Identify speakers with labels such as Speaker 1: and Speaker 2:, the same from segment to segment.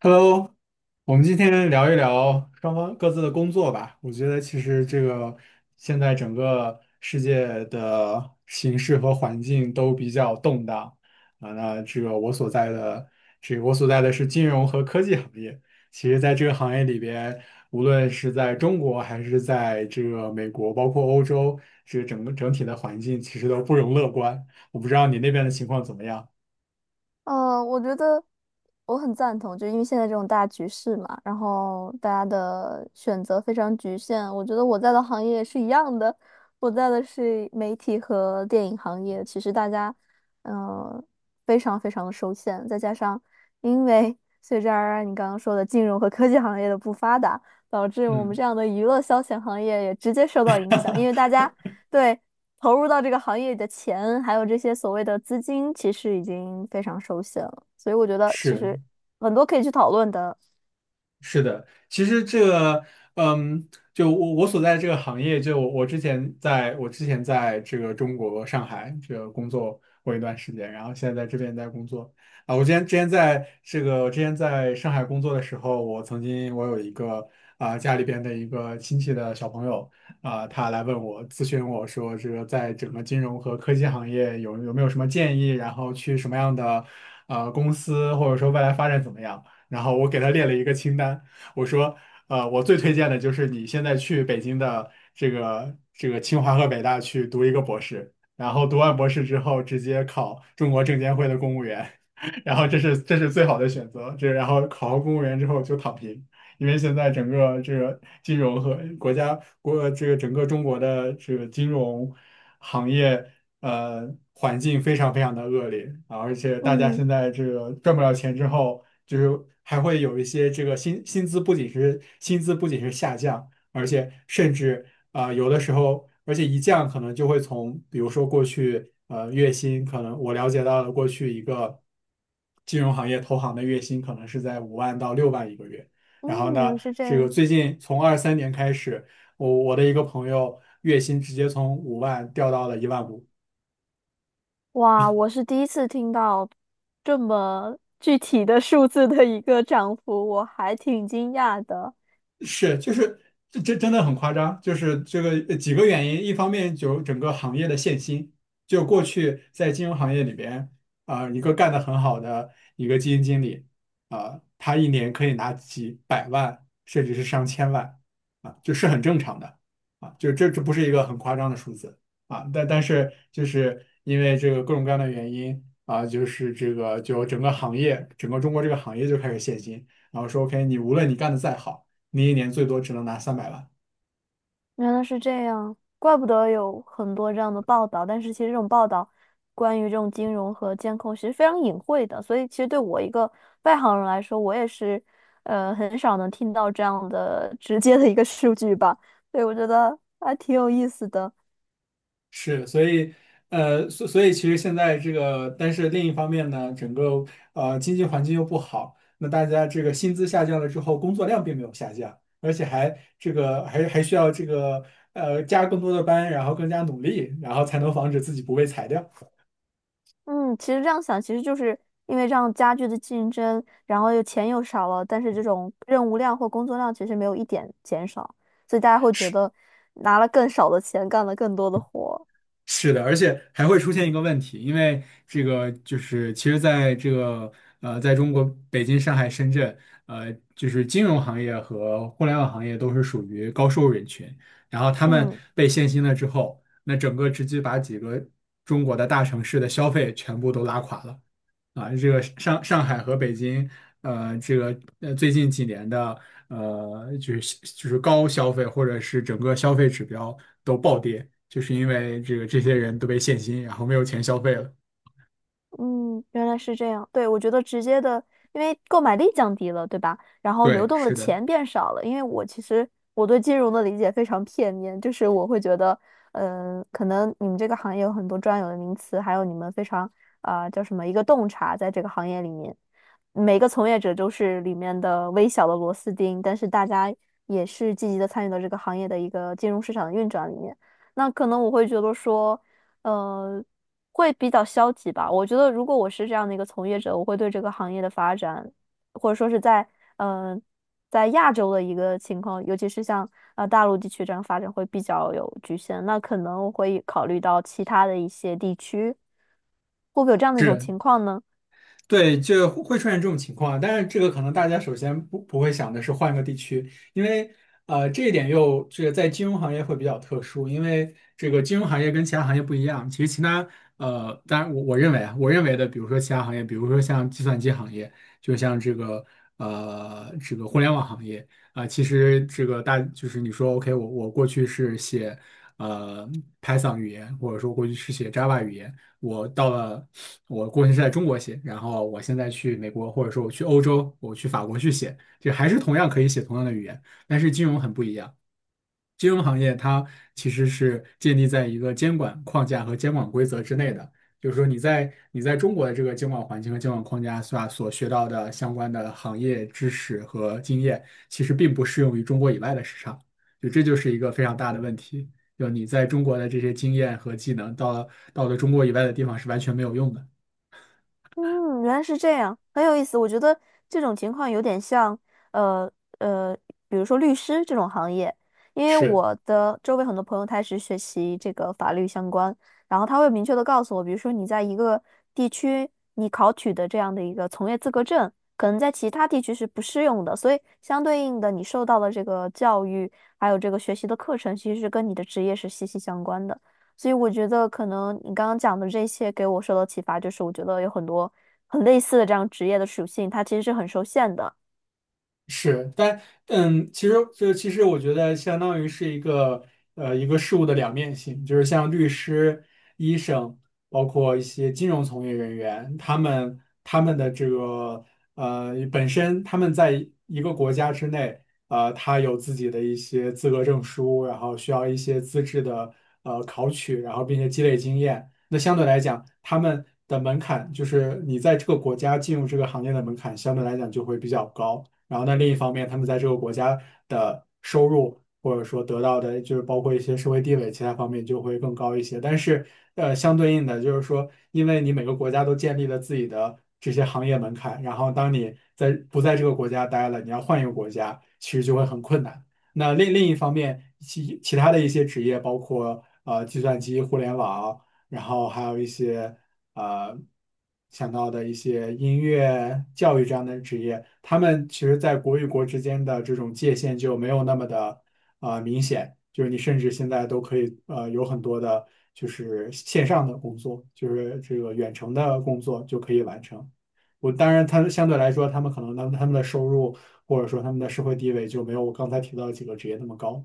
Speaker 1: Hello，我们今天聊一聊双方各自的工作吧。我觉得其实这个现在整个世界的形势和环境都比较动荡啊。那这个我所在的是金融和科技行业。其实，在这个行业里边，无论是在中国还是在这个美国，包括欧洲，这个整体的环境其实都不容乐观。我不知道你那边的情况怎么样？
Speaker 2: 我觉得我很赞同，就因为现在这种大局势嘛，然后大家的选择非常局限。我觉得我在的行业是一样的，我在的是媒体和电影行业，其实大家嗯、呃非常非常的受限，再加上因为随着而然你刚刚说的金融和科技行业的不发达，导致我们
Speaker 1: 嗯，
Speaker 2: 这样的娱乐消遣行业也直接受到影响，因为大家。对，投入到这个行业里的钱，还有这些所谓的资金，其实已经非常熟悉了。所以我觉得其
Speaker 1: 是。
Speaker 2: 实很多可以去讨论的。
Speaker 1: 是的，其实这个，嗯，就我所在这个行业，就我之前在这个中国上海这个工作过一段时间，然后现在在这边在工作啊。我之前在上海工作的时候，我曾经我有一个家里边的一个亲戚的小朋友他来咨询我说，这个在整个金融和科技行业有没有什么建议，然后去什么样的公司，或者说未来发展怎么样？然后我给他列了一个清单，我说，我最推荐的就是你现在去北京的这个清华和北大去读一个博士，然后读完博士之后直接考中国证监会的公务员，然后这是最好的选择，然后考上公务员之后就躺平。因为现在整个这个金融和国家国这个整个中国的这个金融行业环境非常非常的恶劣啊，而且大家
Speaker 2: 嗯
Speaker 1: 现在这个赚不了钱之后，就是还会有一些这个薪资不仅是下降，而且甚至有的时候，而且一降可能就会从比如说过去月薪可能我了解到的过去一个金融行业投行的月薪可能是在5万到6万一个月。然后
Speaker 2: 嗯，原
Speaker 1: 呢，
Speaker 2: 来是这
Speaker 1: 这个
Speaker 2: 样。
Speaker 1: 最近从23年开始，我的一个朋友月薪直接从五万掉到了1万5。
Speaker 2: 哇，我是第一次听到这么具体的数字的一个涨幅，我还挺惊讶的。
Speaker 1: 是，就是这真的很夸张，就是这个几个原因，一方面就整个行业的限薪，就过去在金融行业里边啊、一个干得很好的一个基金经理啊、他一年可以拿几百万，甚至是上千万啊，就是很正常的啊，就这不是一个很夸张的数字啊，但是就是因为这个各种各样的原因啊，就是这个就整个行业，整个中国这个行业就开始限薪，然后说 OK，你无论你干得再好，你一年最多只能拿300万。
Speaker 2: 原来是这样，怪不得有很多这样的报道。但是其实这种报道关于这种金融和监控其实非常隐晦的，所以其实对我一个外行人来说，我也是很少能听到这样的 直接的一个数据吧。所以我觉得还挺有意思的。
Speaker 1: 是，所以，所以其实现在这个，但是另一方面呢，整个经济环境又不好，那大家这个薪资下降了之后，工作量并没有下降，而且还需要加更多的班，然后更加努力，然后才能防止自己不被裁掉。
Speaker 2: 嗯，其实这样想，其实就是因为这样加剧的竞争，然后又钱又少了，但是这种任务量或工作量其实没有一点减少，所以大家会觉得拿了更少的钱干了更多的活。
Speaker 1: 是的，而且还会出现一个问题，因为这个就是其实在这个在中国北京、上海、深圳，就是金融行业和互联网行业都是属于高收入人群，然后他们
Speaker 2: 嗯。
Speaker 1: 被限薪了之后，那整个直接把几个中国的大城市的消费全部都拉垮了。啊，这个上海和北京，这个最近几年的就是高消费或者是整个消费指标都暴跌，就是因为这个这些人都被限薪，然后没有钱消费了。
Speaker 2: 嗯，原来是这样。对，我觉得直接的，因为购买力降低了，对吧？然后流
Speaker 1: 对，
Speaker 2: 动的
Speaker 1: 是的。
Speaker 2: 钱变少了。因为我其实我对金融的理解非常片面，就是我会觉得，可能你们这个行业有很多专有的名词，还有你们非常啊、叫什么一个洞察，在这个行业里面，每个从业者都是里面的微小的螺丝钉，但是大家也是积极的参与到这个行业的一个金融市场的运转里面。那可能我会觉得说。呃会比较消极吧。我觉得如果我是这样的一个从业者，我会对这个行业的发展，或者说是在嗯、呃在亚洲的一个情况，尤其是像大陆地区这样发展会比较有局限。那可能我会考虑到其他的一些地区，会不会有这样的一种
Speaker 1: 是。
Speaker 2: 情况呢？
Speaker 1: 对，就会出现这种情况，但是这个可能大家首先不会想的是换个地区，因为这一点又这个在金融行业会比较特殊，因为这个金融行业跟其他行业不一样。其实其他当然我认为啊，我认为的，比如说其他行业，比如说像计算机行业，就像这个这个互联网行业啊、其实这个就是你说 OK，我过去是写呃 Python 语言，或者说过去是写 Java 语言，我到了。我过去是在中国写，然后我现在去美国，或者说我去欧洲，我去法国去写，就还是同样可以写同样的语言，但是金融很不一样。金融行业它其实是建立在一个监管框架和监管规则之内的，就是说你在中国的这个监管环境和监管框架下所学到的相关的行业知识和经验，其实并不适用于中国以外的市场，就这就是一个非常大的问题。就你在中国的这些经验和技能，到了中国以外的地方是完全没有用的。
Speaker 2: 嗯，原来是这样，很有意思。我觉得这种情况有点像，呃呃，比如说律师这种行业，因为
Speaker 1: 是。
Speaker 2: 我的周围很多朋友他是学习这个法律相关，然后他会明确的告诉我，比如说你在一个地区你考取的这样的一个从业资格证，可能在其他地区是不适用的，所以相对应的你受到的这个教育还有这个学习的课程，其实是跟你的职业是息息相关的。所以我觉得可能你刚刚讲的这些给我受到启发，就是我觉得有很多很类似的这样职业的属性，它其实是很受限的。
Speaker 1: 是，其实我觉得相当于是一个一个事物的两面性，就是像律师、医生，包括一些金融从业人员，他们的本身他们在一个国家之内，他有自己的一些资格证书，然后需要一些资质的考取，然后并且积累经验。那相对来讲，他们的门槛就是你在这个国家进入这个行业的门槛，相对来讲就会比较高。然后呢，另一方面，他们在这个国家的收入或者说得到的，就是包括一些社会地位，其他方面就会更高一些。但是，相对应的就是说，因为你每个国家都建立了自己的这些行业门槛，然后当你在不在这个国家待了，你要换一个国家，其实就会很困难。那另一方面，其他的一些职业，包括计算机、互联网，然后还有一些，呃想到的一些音乐、教育这样的职业，他们其实在国与国之间的这种界限就没有那么的明显，就是你甚至现在都可以有很多的，就是线上的工作，就是这个远程的工作就可以完成。我当然，他们相对来说，他们可能他们他们的收入或者说他们的社会地位就没有我刚才提到的几个职业那么高。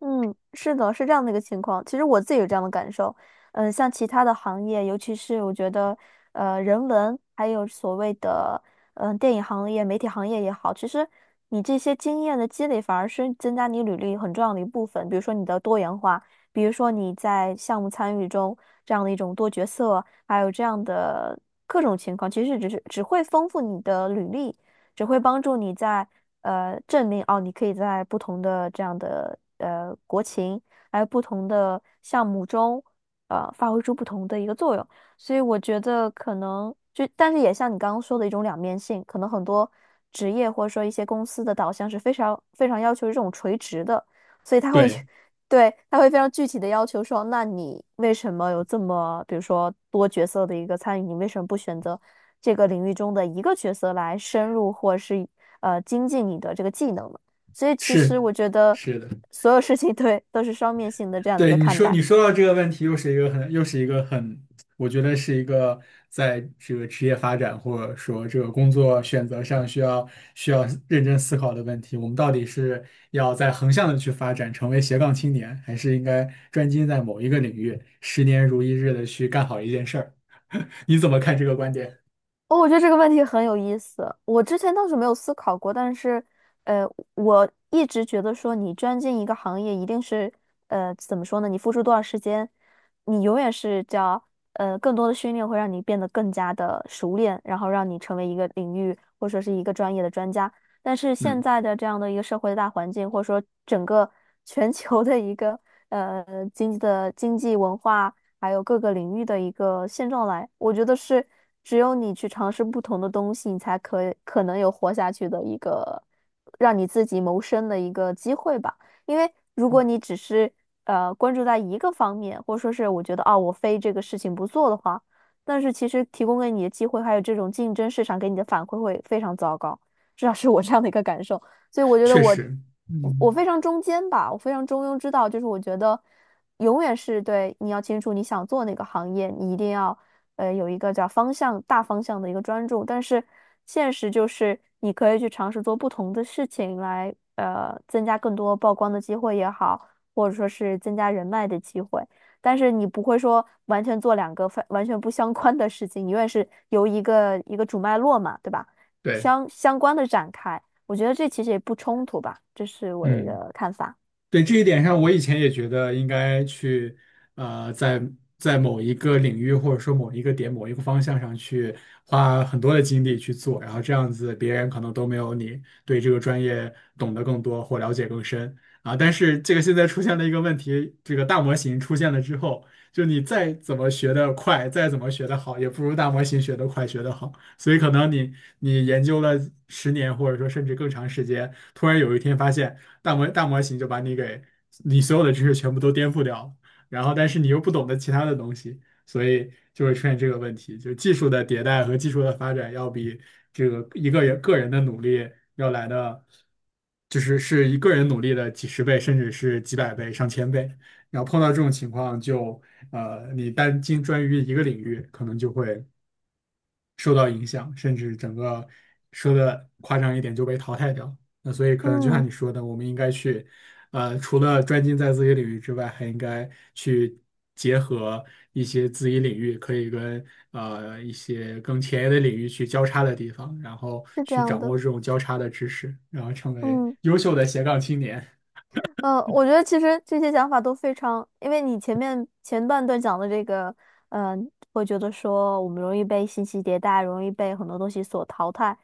Speaker 2: 嗯，是的，是这样的一个情况。其实我自己有这样的感受，像其他的行业，尤其是我觉得，人文还有所谓的，电影行业、媒体行业也好，其实你这些经验的积累反而是增加你履历很重要的一部分。比如说你的多元化，比如说你在项目参与中这样的一种多角色，还有这样的各种情况，其实只会丰富你的履历。只会帮助你在证明哦，你可以在不同的这样的国情，还有不同的项目中，发挥出不同的一个作用。所以我觉得可能就，但是也像你刚刚说的一种两面性，可能很多职业或者说一些公司的导向是非常非常要求这种垂直的，所以他会
Speaker 1: 对，
Speaker 2: 去。对，他会非常具体的要求说，那你为什么有这么，比如说多角色的一个参与？你为什么不选择？这个领域中的一个角色来深入或是精进你的这个技能嘛。所以其实
Speaker 1: 是
Speaker 2: 我觉得
Speaker 1: 是的。
Speaker 2: 所有事情 对都是双面性的这样的一
Speaker 1: 对
Speaker 2: 个
Speaker 1: 你
Speaker 2: 看
Speaker 1: 说，
Speaker 2: 待。
Speaker 1: 你说到这个问题，又是一个很，我觉得是一个在这个职业发展或者说这个工作选择上需要认真思考的问题。我们到底是要在横向的去发展，成为斜杠青年，还是应该专精在某一个领域，十年如一日的去干好一件事儿？你怎么看这个观点？
Speaker 2: 哦，我觉得这个问题很有意思。我之前倒是没有思考过，但是，呃，我一直觉得说，你钻进一个行业，一定是，怎么说呢？你付出多少时间，你永远是叫，更多的训练会让你变得更加的熟练，然后让你成为一个领域或者说是一个专业的专家。但是现
Speaker 1: 嗯，
Speaker 2: 在的这样的一个社会的大环境，或者说整个全球的一个呃经济的经济文化。还有各个领域的一个现状来。我觉得是只有你去尝试不同的东西，你才可能有活下去的一个让你自己谋生的一个机会吧。因为如果你只是关注在一个方面，或者说是我觉得啊我非这个事情不做的话，但是其实提供给你的机会还有这种竞争市场给你的反馈会非常糟糕。至少是我这样的一个感受。所以我觉得
Speaker 1: 确
Speaker 2: 我
Speaker 1: 实，
Speaker 2: 我
Speaker 1: 嗯，
Speaker 2: 非常中间吧，我非常中庸之道，就是我觉得永远是对你要清楚你想做哪个行业，你一定要有一个叫方向大方向的一个专注，但是现实就是你可以去尝试做不同的事情来增加更多曝光的机会也好，或者说是增加人脉的机会。但是你不会说完全做两个非完全不相关的事情，你永远是由一个主脉络嘛，对吧？
Speaker 1: 对，
Speaker 2: 相关的展开。我觉得这其实也不冲突吧，这是我的一
Speaker 1: 嗯。
Speaker 2: 个看法。
Speaker 1: 对这一点上，我以前也觉得应该去，呃，在在某一个领域或者说某一个点、某一个方向上去花很多的精力去做，然后这样子别人可能都没有你对这个专业懂得更多或了解更深啊。但是这个现在出现了一个问题，这个大模型出现了之后，就你再怎么学得快，再怎么学得好，也不如大模型学得快、学得好。所以可能你研究了十年或者说甚至更长时间，突然有一天发现，大模型就把你给你所有的知识全部都颠覆掉了，然后但是你又不懂得其他的东西，所以就会出现这个问题，就技术的迭代和技术的发展要比这个一个人个人的努力要来的，就是一个人努力的几十倍，甚至是几百倍、上千倍。然后碰到这种情况就，你单精专于一个领域，可能就会受到影响，甚至整个说的夸张一点就被淘汰掉。那所以可能就像
Speaker 2: 嗯，
Speaker 1: 你说的，我们应该去，除了专精在自己领域之外，还应该去结合一些自己领域可以跟一些更前沿的领域去交叉的地方，然后
Speaker 2: 是这
Speaker 1: 去
Speaker 2: 样
Speaker 1: 掌
Speaker 2: 的。
Speaker 1: 握这种交叉的知识，然后成为
Speaker 2: 嗯。
Speaker 1: 优秀的斜杠青年。
Speaker 2: 嗯，我觉得其实这些想法都非常，因为你前面前半段讲的这个，嗯，会觉得说我们容易被信息迭代，容易被很多东西所淘汰，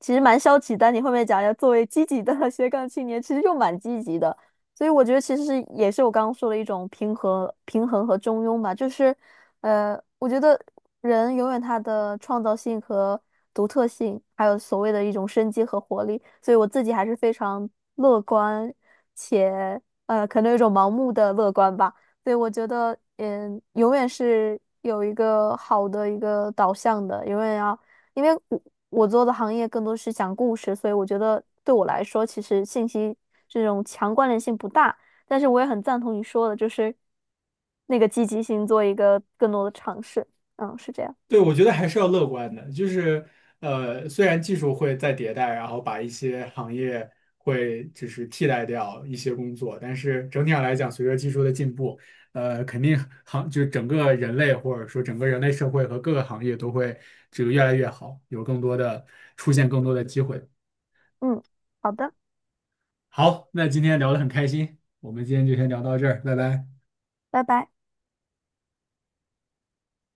Speaker 2: 其实蛮消极但你后面讲要作为积极的 斜杠青年，其实又蛮积极的。所以我觉得其实是也是我刚刚说的一种平衡、平衡和中庸吧，就是，我觉得人永远他的创造性和独特性，还有所谓的一种生机和活力，所以我自己还是非常乐观。且可能有一种盲目的乐观吧。对，我觉得，嗯，永远是有一个好的一个导向的，永远要，因为我我做的行业更多是讲故事，所以我觉得对我来说，其实信息这种强关联性不大。但是我也很赞同你说的，就是那个积极性做一个更多的尝试。嗯，是这样。
Speaker 1: 对，我觉得还是要乐观的，就是虽然技术会在迭代，然后把一些行业会就是替代掉一些工作，但是整体上来讲，随着技术的进步，肯定行就是整个人类或者说整个人类社会和各个行业都会这个越来越好，有更多的出现更多的机会。
Speaker 2: 嗯，好的，
Speaker 1: 好，那今天聊得很开心，我们今天就先聊到这儿，拜拜。
Speaker 2: 拜拜。